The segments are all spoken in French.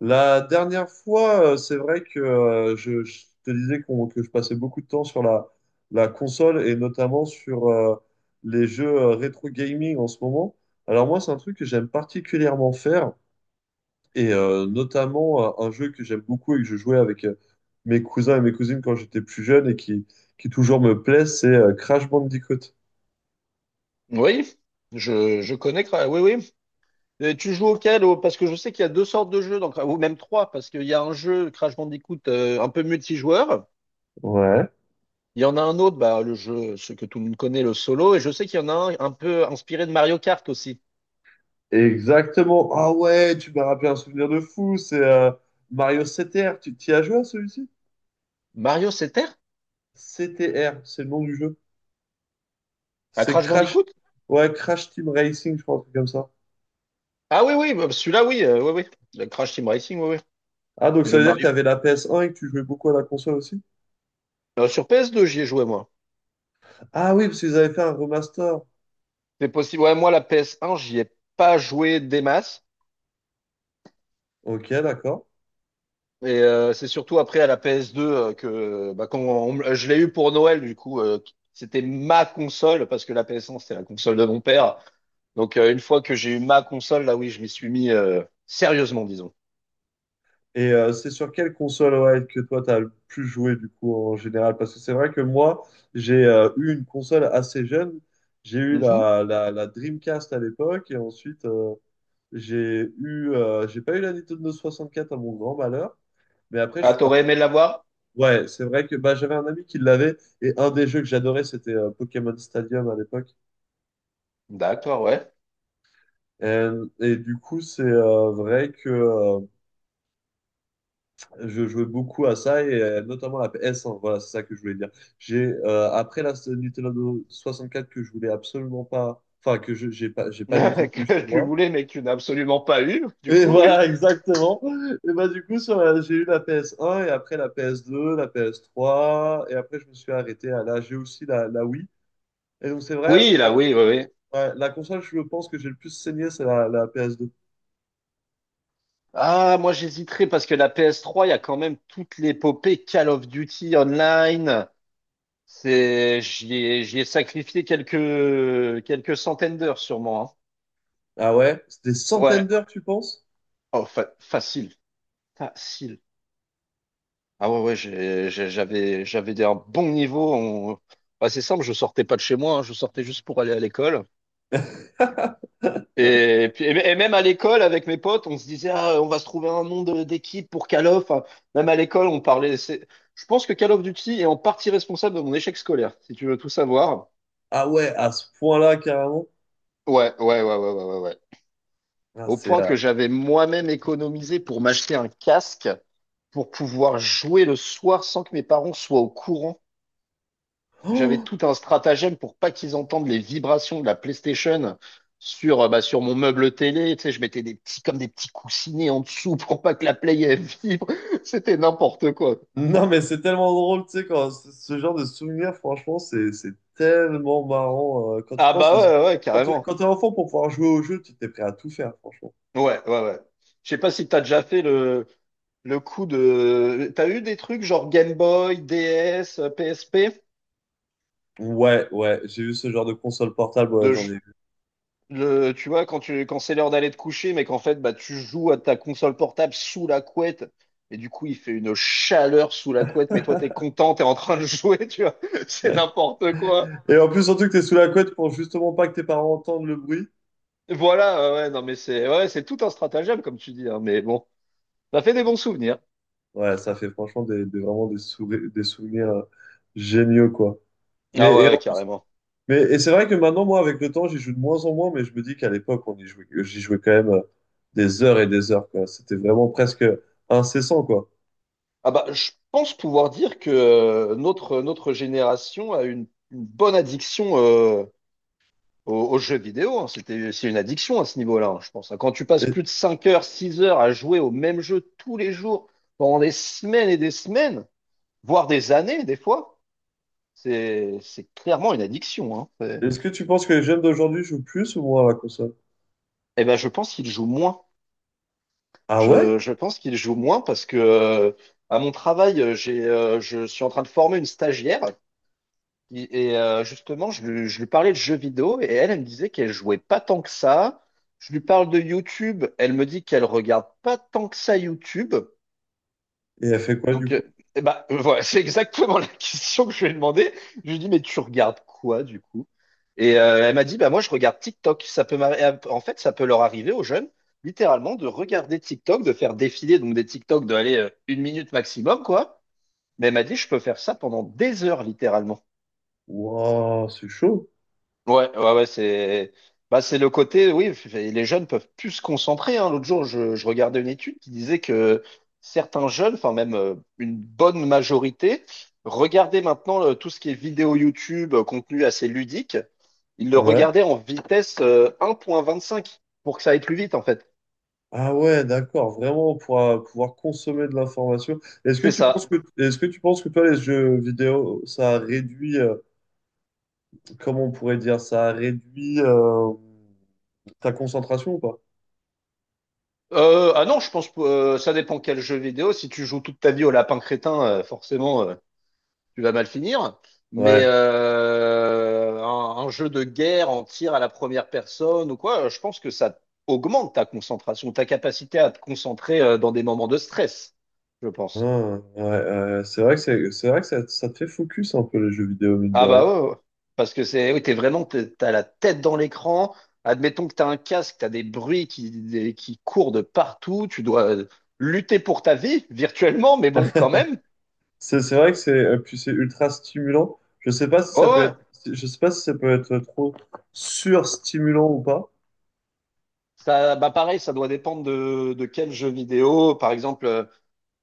La dernière fois, c'est vrai que je te disais que je passais beaucoup de temps sur la console et notamment sur les jeux rétro gaming en ce moment. Alors moi, c'est un truc que j'aime particulièrement faire et notamment un jeu que j'aime beaucoup et que je jouais avec mes cousins et mes cousines quand j'étais plus jeune et qui toujours me plaît, c'est Crash Bandicoot. Oui, je connais. Oui, oui. Et tu joues auquel? Parce que je sais qu'il y a deux sortes de jeux, donc ou même trois, parce qu'il y a un jeu Crash Bandicoot un peu multijoueur. Ouais, Il y en a un autre, bah, le jeu, ce que tout le monde connaît, le solo. Et je sais qu'il y en a un peu inspiré de Mario Kart aussi. exactement. Ah ouais, tu m'as rappelé un souvenir de fou, c'est Mario 7R. Tu t'y as joué à celui-ci? Mario Terre. CTR, c'est le nom du jeu. À C'est Crash Crash. Bandicoot? Ouais, Crash Team Racing, je crois, un truc comme ça. Ah oui, oui, bah, celui-là, oui, oui, oui. Le Crash Team Racing, oui, oui. Ah, donc Et ça le veut dire que tu Mario. avais la PS1 et que tu jouais beaucoup à la console aussi? Sur PS2, j'y ai joué, moi. Ah oui, parce qu'ils avaient fait un remaster. C'est possible. Ouais, moi, la PS1, j'y ai pas joué des masses. Ok, d'accord. Et c'est surtout après à la PS2 que bah, quand je l'ai eu pour Noël, du coup, c'était ma console, parce que la PS1, c'était la console de mon père. Donc une fois que j'ai eu ma console, là oui, je m'y suis mis sérieusement, disons. Et c'est sur quelle console ouais, que toi, tu as le plus joué du coup en général? Parce que c'est vrai que moi, j'ai eu une console assez jeune. J'ai eu Mhm. la Dreamcast à l'époque et ensuite, j'ai eu, j'ai pas eu la Nintendo 64 à mon grand malheur. Mais après, je Ah, suis t'aurais parti. aimé l'avoir? Ouais, c'est vrai que bah, j'avais un ami qui l'avait et un des jeux que j'adorais c'était Pokémon Stadium à l'époque. D'accord, ouais. Et, et du coup, c'est vrai que je jouais beaucoup à ça et notamment la PS1. Voilà, c'est ça que je voulais dire. J'ai après la Nintendo 64 que je voulais absolument pas, enfin que je j'ai pas j'ai pas du tout eu Que chez tu moi. voulais, mais que tu n'as absolument pas eu, du Et coup, oui. voilà, exactement. Et bah du coup, sur j'ai eu la PS1 et après la PS2, la PS3 et après je me suis arrêté à là. J'ai aussi la Wii. Et donc c'est vrai. Oui, là, oui, oui, oui. Ouais, la console, je pense que j'ai le plus saigné, c'est la PS2. Ah, moi j'hésiterais parce que la PS3, il y a quand même toute l'épopée Call of Duty Online. C'est, j'y ai sacrifié quelques centaines d'heures sûrement. Ah ouais? C'est des Hein. centaines Ouais, d'heures, tu penses? oh, facile, facile. Ah ouais, ouais, j'avais un bon niveau. Bah, c'est simple, je sortais pas de chez moi, hein, je sortais juste pour aller à l'école. Et puis, et même à l'école, avec mes potes, on se disait, ah, on va se trouver un nom d'équipe pour Call of. Enfin, même à l'école, on parlait. Je pense que Call of Duty est en partie responsable de mon échec scolaire, si tu veux tout savoir. Ah ouais, à ce point-là, carrément. Ouais, ouais, ouais, ouais, ouais, ouais. Ouais. Ah, Au c'est. point que j'avais moi-même économisé pour m'acheter un casque pour pouvoir jouer le soir sans que mes parents soient au courant. J'avais Oh tout un stratagème pour pas qu'ils entendent les vibrations de la PlayStation bah, sur mon meuble télé. Tu sais, je mettais des petits, comme des petits coussinets en dessous pour pas que la Play elle vibre. C'était n'importe quoi. non, mais c'est tellement drôle, tu sais, quand ce genre de souvenir, franchement, c'est tellement marrant. Quand tu Ah penses. Bah ouais, ouais, Quand tu carrément. quand t'es enfant, pour pouvoir jouer au jeu, tu t'es prêt à tout faire, franchement. Ouais, ouais, ouais. Je sais pas si t'as déjà fait le coup de. T'as eu des trucs genre Game Boy, DS, PSP? Ouais, ouais, j'ai vu ce genre de console portable, ouais, j'en ai vu. Tu vois, quand tu, quand c'est l'heure d'aller te coucher, mais qu'en fait, bah, tu joues à ta console portable sous la couette, et du coup, il fait une chaleur sous la couette, mais toi, t'es content, t'es en train de jouer, tu vois. C'est n'importe quoi. Et en plus, surtout que t'es sous la couette pour justement pas que tes parents entendent le bruit. Voilà, ouais, ouais, non, mais c'est, ouais, c'est tout un stratagème, comme tu dis, hein, mais bon, ça fait des bons souvenirs. Ouais, ça fait franchement vraiment des souvenirs géniaux, quoi. Et, Ah ouais, et, ouais, en- carrément. mais, et c'est vrai que maintenant, moi, avec le temps, j'y joue de moins en moins, mais je me dis qu'à l'époque, on y jouait, j'y jouais quand même des heures et des heures, quoi. C'était vraiment presque incessant, quoi. Ah bah, je pense pouvoir dire que notre génération a une bonne addiction, aux jeux vidéo, hein, c'est une addiction à ce niveau-là, hein, je pense. Hein. Quand tu passes Et- plus de 5 heures, 6 heures à jouer au même jeu tous les jours, pendant des semaines et des semaines, voire des années, des fois, c'est clairement une addiction. Hein. Est-ce que tu penses que les jeunes d'aujourd'hui jouent plus ou moins à la console? Eh ben, je pense qu'il joue moins. Ah ouais? Je pense qu'il joue moins parce que, à mon travail, je suis en train de former une stagiaire. Et, justement, je lui parlais de jeux vidéo et elle me disait qu'elle jouait pas tant que ça. Je lui parle de YouTube, elle me dit qu'elle regarde pas tant que ça YouTube. Et elle fait quoi, Donc, du coup? eh ben, voilà, c'est exactement la question que je lui ai demandé. Je lui ai dit, mais tu regardes quoi du coup? Et elle m'a dit, bah moi je regarde TikTok. En fait, ça peut leur arriver aux jeunes, littéralement, de regarder TikTok, de faire défiler donc des TikTok de aller 1 minute maximum, quoi. Mais elle m'a dit, je peux faire ça pendant des heures, littéralement. Waouh, c'est chaud. Ouais, ouais, ouais, c'est bah, c'est le côté, oui, les jeunes peuvent plus se concentrer, hein. L'autre jour, je regardais une étude qui disait que certains jeunes, enfin même une bonne majorité, regardaient maintenant tout ce qui est vidéo YouTube, contenu assez ludique, ils le Ouais. regardaient en vitesse 1,25 pour que ça aille plus vite, en fait. Ah ouais, d'accord. Vraiment, pour pouvoir consommer de l'information. C'est ça. Est-ce que tu penses que toi, les jeux vidéo, ça réduit, comment on pourrait dire ça, réduit ta concentration ou pas? Ah non, je pense que ça dépend quel jeu vidéo. Si tu joues toute ta vie au lapin crétin, forcément, tu vas mal finir. Mais Ouais. Un jeu de guerre en tir à la première personne ou quoi, je pense que ça augmente ta concentration, ta capacité à te concentrer dans des moments de stress, je pense. Ah, ouais, c'est vrai que c'est vrai que ça te fait focus un peu les jeux vidéo, mine de Ah rien. bah ouais, ouais. Parce que c'est, oui, t'es vraiment, t'as la tête dans l'écran. Admettons que t'as un casque, t'as des bruits qui courent de partout. Tu dois lutter pour ta vie virtuellement, mais bon, quand même. C'est vrai que c'est puis c'est ultra stimulant. Je sais pas si ça Oh, peut ouais. être je sais pas si ça peut être trop surstimulant ou pas. Ça, bah pareil, ça doit dépendre de quel jeu vidéo. Par exemple.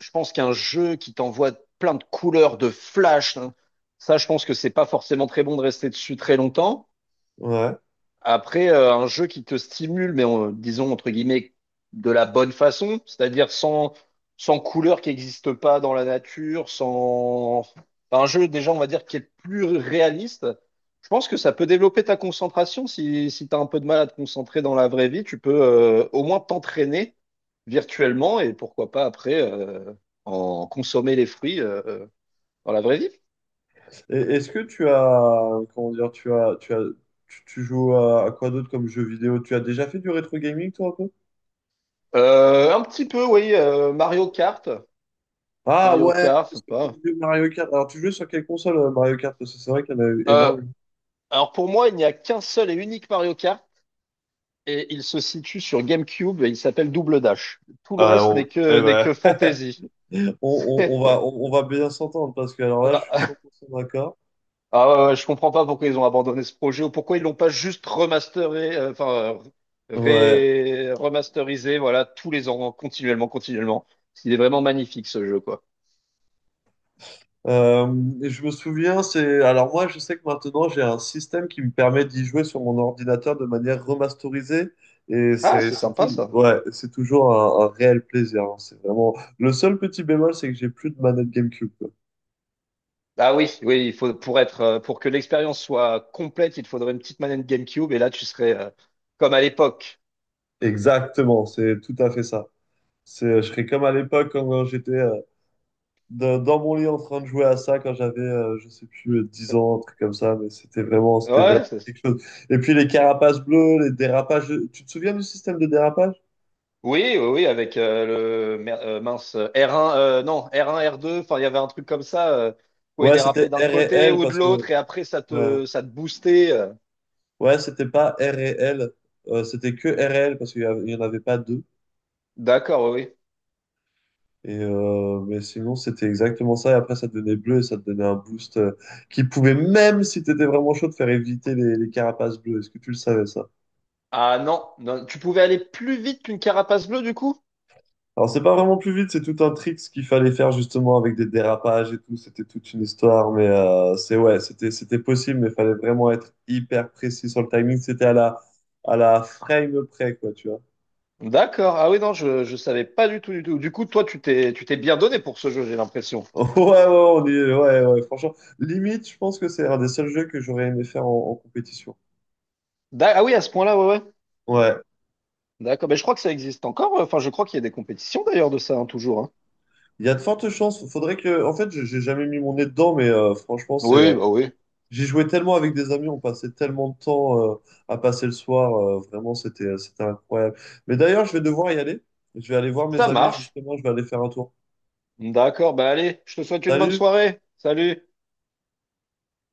Je pense qu'un jeu qui t'envoie plein de couleurs, de flash, hein, ça, je pense que c'est pas forcément très bon de rester dessus très longtemps. Ouais. Après, un jeu qui te stimule, mais disons entre guillemets de la bonne façon, c'est-à-dire sans couleur qui n'existe pas dans la nature, sans. Enfin, un jeu déjà, on va dire, qui est plus réaliste. Je pense que ça peut développer ta concentration. Si tu as un peu de mal à te concentrer dans la vraie vie, tu peux au moins t'entraîner virtuellement et pourquoi pas après en consommer les fruits dans la vraie vie. Et est-ce que tu as comment dire tu joues à quoi d'autre comme jeu vidéo? Tu as déjà fait du rétro gaming toi un peu? Un petit peu, oui, Mario Kart. Ah Mario ouais, Kart, c'est c'est le bon pas. vieux Mario Kart. Alors tu jouais sur quelle console Mario Kart? Parce que c'est vrai qu'il y en a eu euh, énormément. Alors pour moi, il n'y a qu'un seul et unique Mario Kart et il se situe sur GameCube et il s'appelle Double Dash. Tout le Ah, reste on- n'est que eh n'est ben, que fantasy. On va bien s'entendre parce que alors là, je suis Ah, 100% d'accord. ah, ouais, ouais, je comprends pas pourquoi ils ont abandonné ce projet ou pourquoi ils l'ont pas juste remasteré, enfin Ouais. Remasterisé, voilà, tous les ans, continuellement, continuellement. Il est vraiment magnifique ce jeu, quoi. Euh, et je me souviens, c'est. Alors moi, je sais que maintenant, j'ai un système qui me permet d'y jouer sur mon ordinateur de manière remasterisée. Et Ah, c'est c'est c'est sympa tout... ça. ouais, c'est toujours un réel plaisir. Hein. C'est vraiment. Le seul petit bémol, c'est que j'ai plus de manette GameCube, quoi. Ah oui, oui, il faut pour être pour que l'expérience soit complète, il te faudrait une petite manette GameCube et là tu serais comme à l'époque. Exactement, c'est tout à fait ça. C'est, je serais comme à l'époque quand, quand j'étais dans, dans mon lit en train de jouer à ça quand j'avais, je sais plus, 10 ans, un truc comme ça, mais Euh, c'était vraiment Ouais, c'est. quelque chose. Et puis les carapaces bleues, les dérapages, tu te souviens du système de dérapage? Oui, oui, oui, avec mince, R1, non, R1, R2, enfin il y avait un truc comme ça, pouvait Ouais, c'était déraper R d'un et côté L ou de parce que, l'autre et après ça ouais, te ça te boostait. Ouais, c'était pas R et L, c'était que R et L parce il y en avait pas deux. D'accord, oui. Oui. Et mais sinon, c'était exactement ça. Et après, ça te donnait bleu et ça te donnait un boost qui pouvait, même si tu étais vraiment chaud, te faire éviter les carapaces bleues. Est-ce que tu le savais, ça? Ah non, non, tu pouvais aller plus vite qu'une carapace bleue du coup? Alors, c'est pas vraiment plus vite, c'est tout un trick ce qu'il fallait faire justement avec des dérapages et tout. C'était toute une histoire, mais c'est ouais, c'était possible, mais il fallait vraiment être hyper précis sur le timing. C'était à la frame près, quoi, tu vois. D'accord. Ah oui, non, je savais pas du tout du tout. Du coup, toi tu t'es bien donné pour ce jeu, j'ai l'impression. Ouais, ouais, on y est, ouais, ouais, franchement. Limite, je pense que c'est un des seuls jeux que j'aurais aimé faire en compétition. Ah oui, à ce point-là, ouais ouais. Ouais, D'accord, mais je crois que ça existe encore. Enfin, je crois qu'il y a des compétitions d'ailleurs de ça hein, toujours hein. il y a de fortes chances. Faudrait que, en fait, j'ai jamais mis mon nez dedans, mais franchement, c'est Oui, bah oui. j'y jouais tellement avec des amis, on passait tellement de temps à passer le soir, vraiment c'était c'était incroyable. Mais d'ailleurs, je vais devoir y aller. Je vais aller voir mes Ça amis marche. justement, je vais aller faire un tour. D'accord, bah allez, je te souhaite une bonne Salut! soirée. Salut.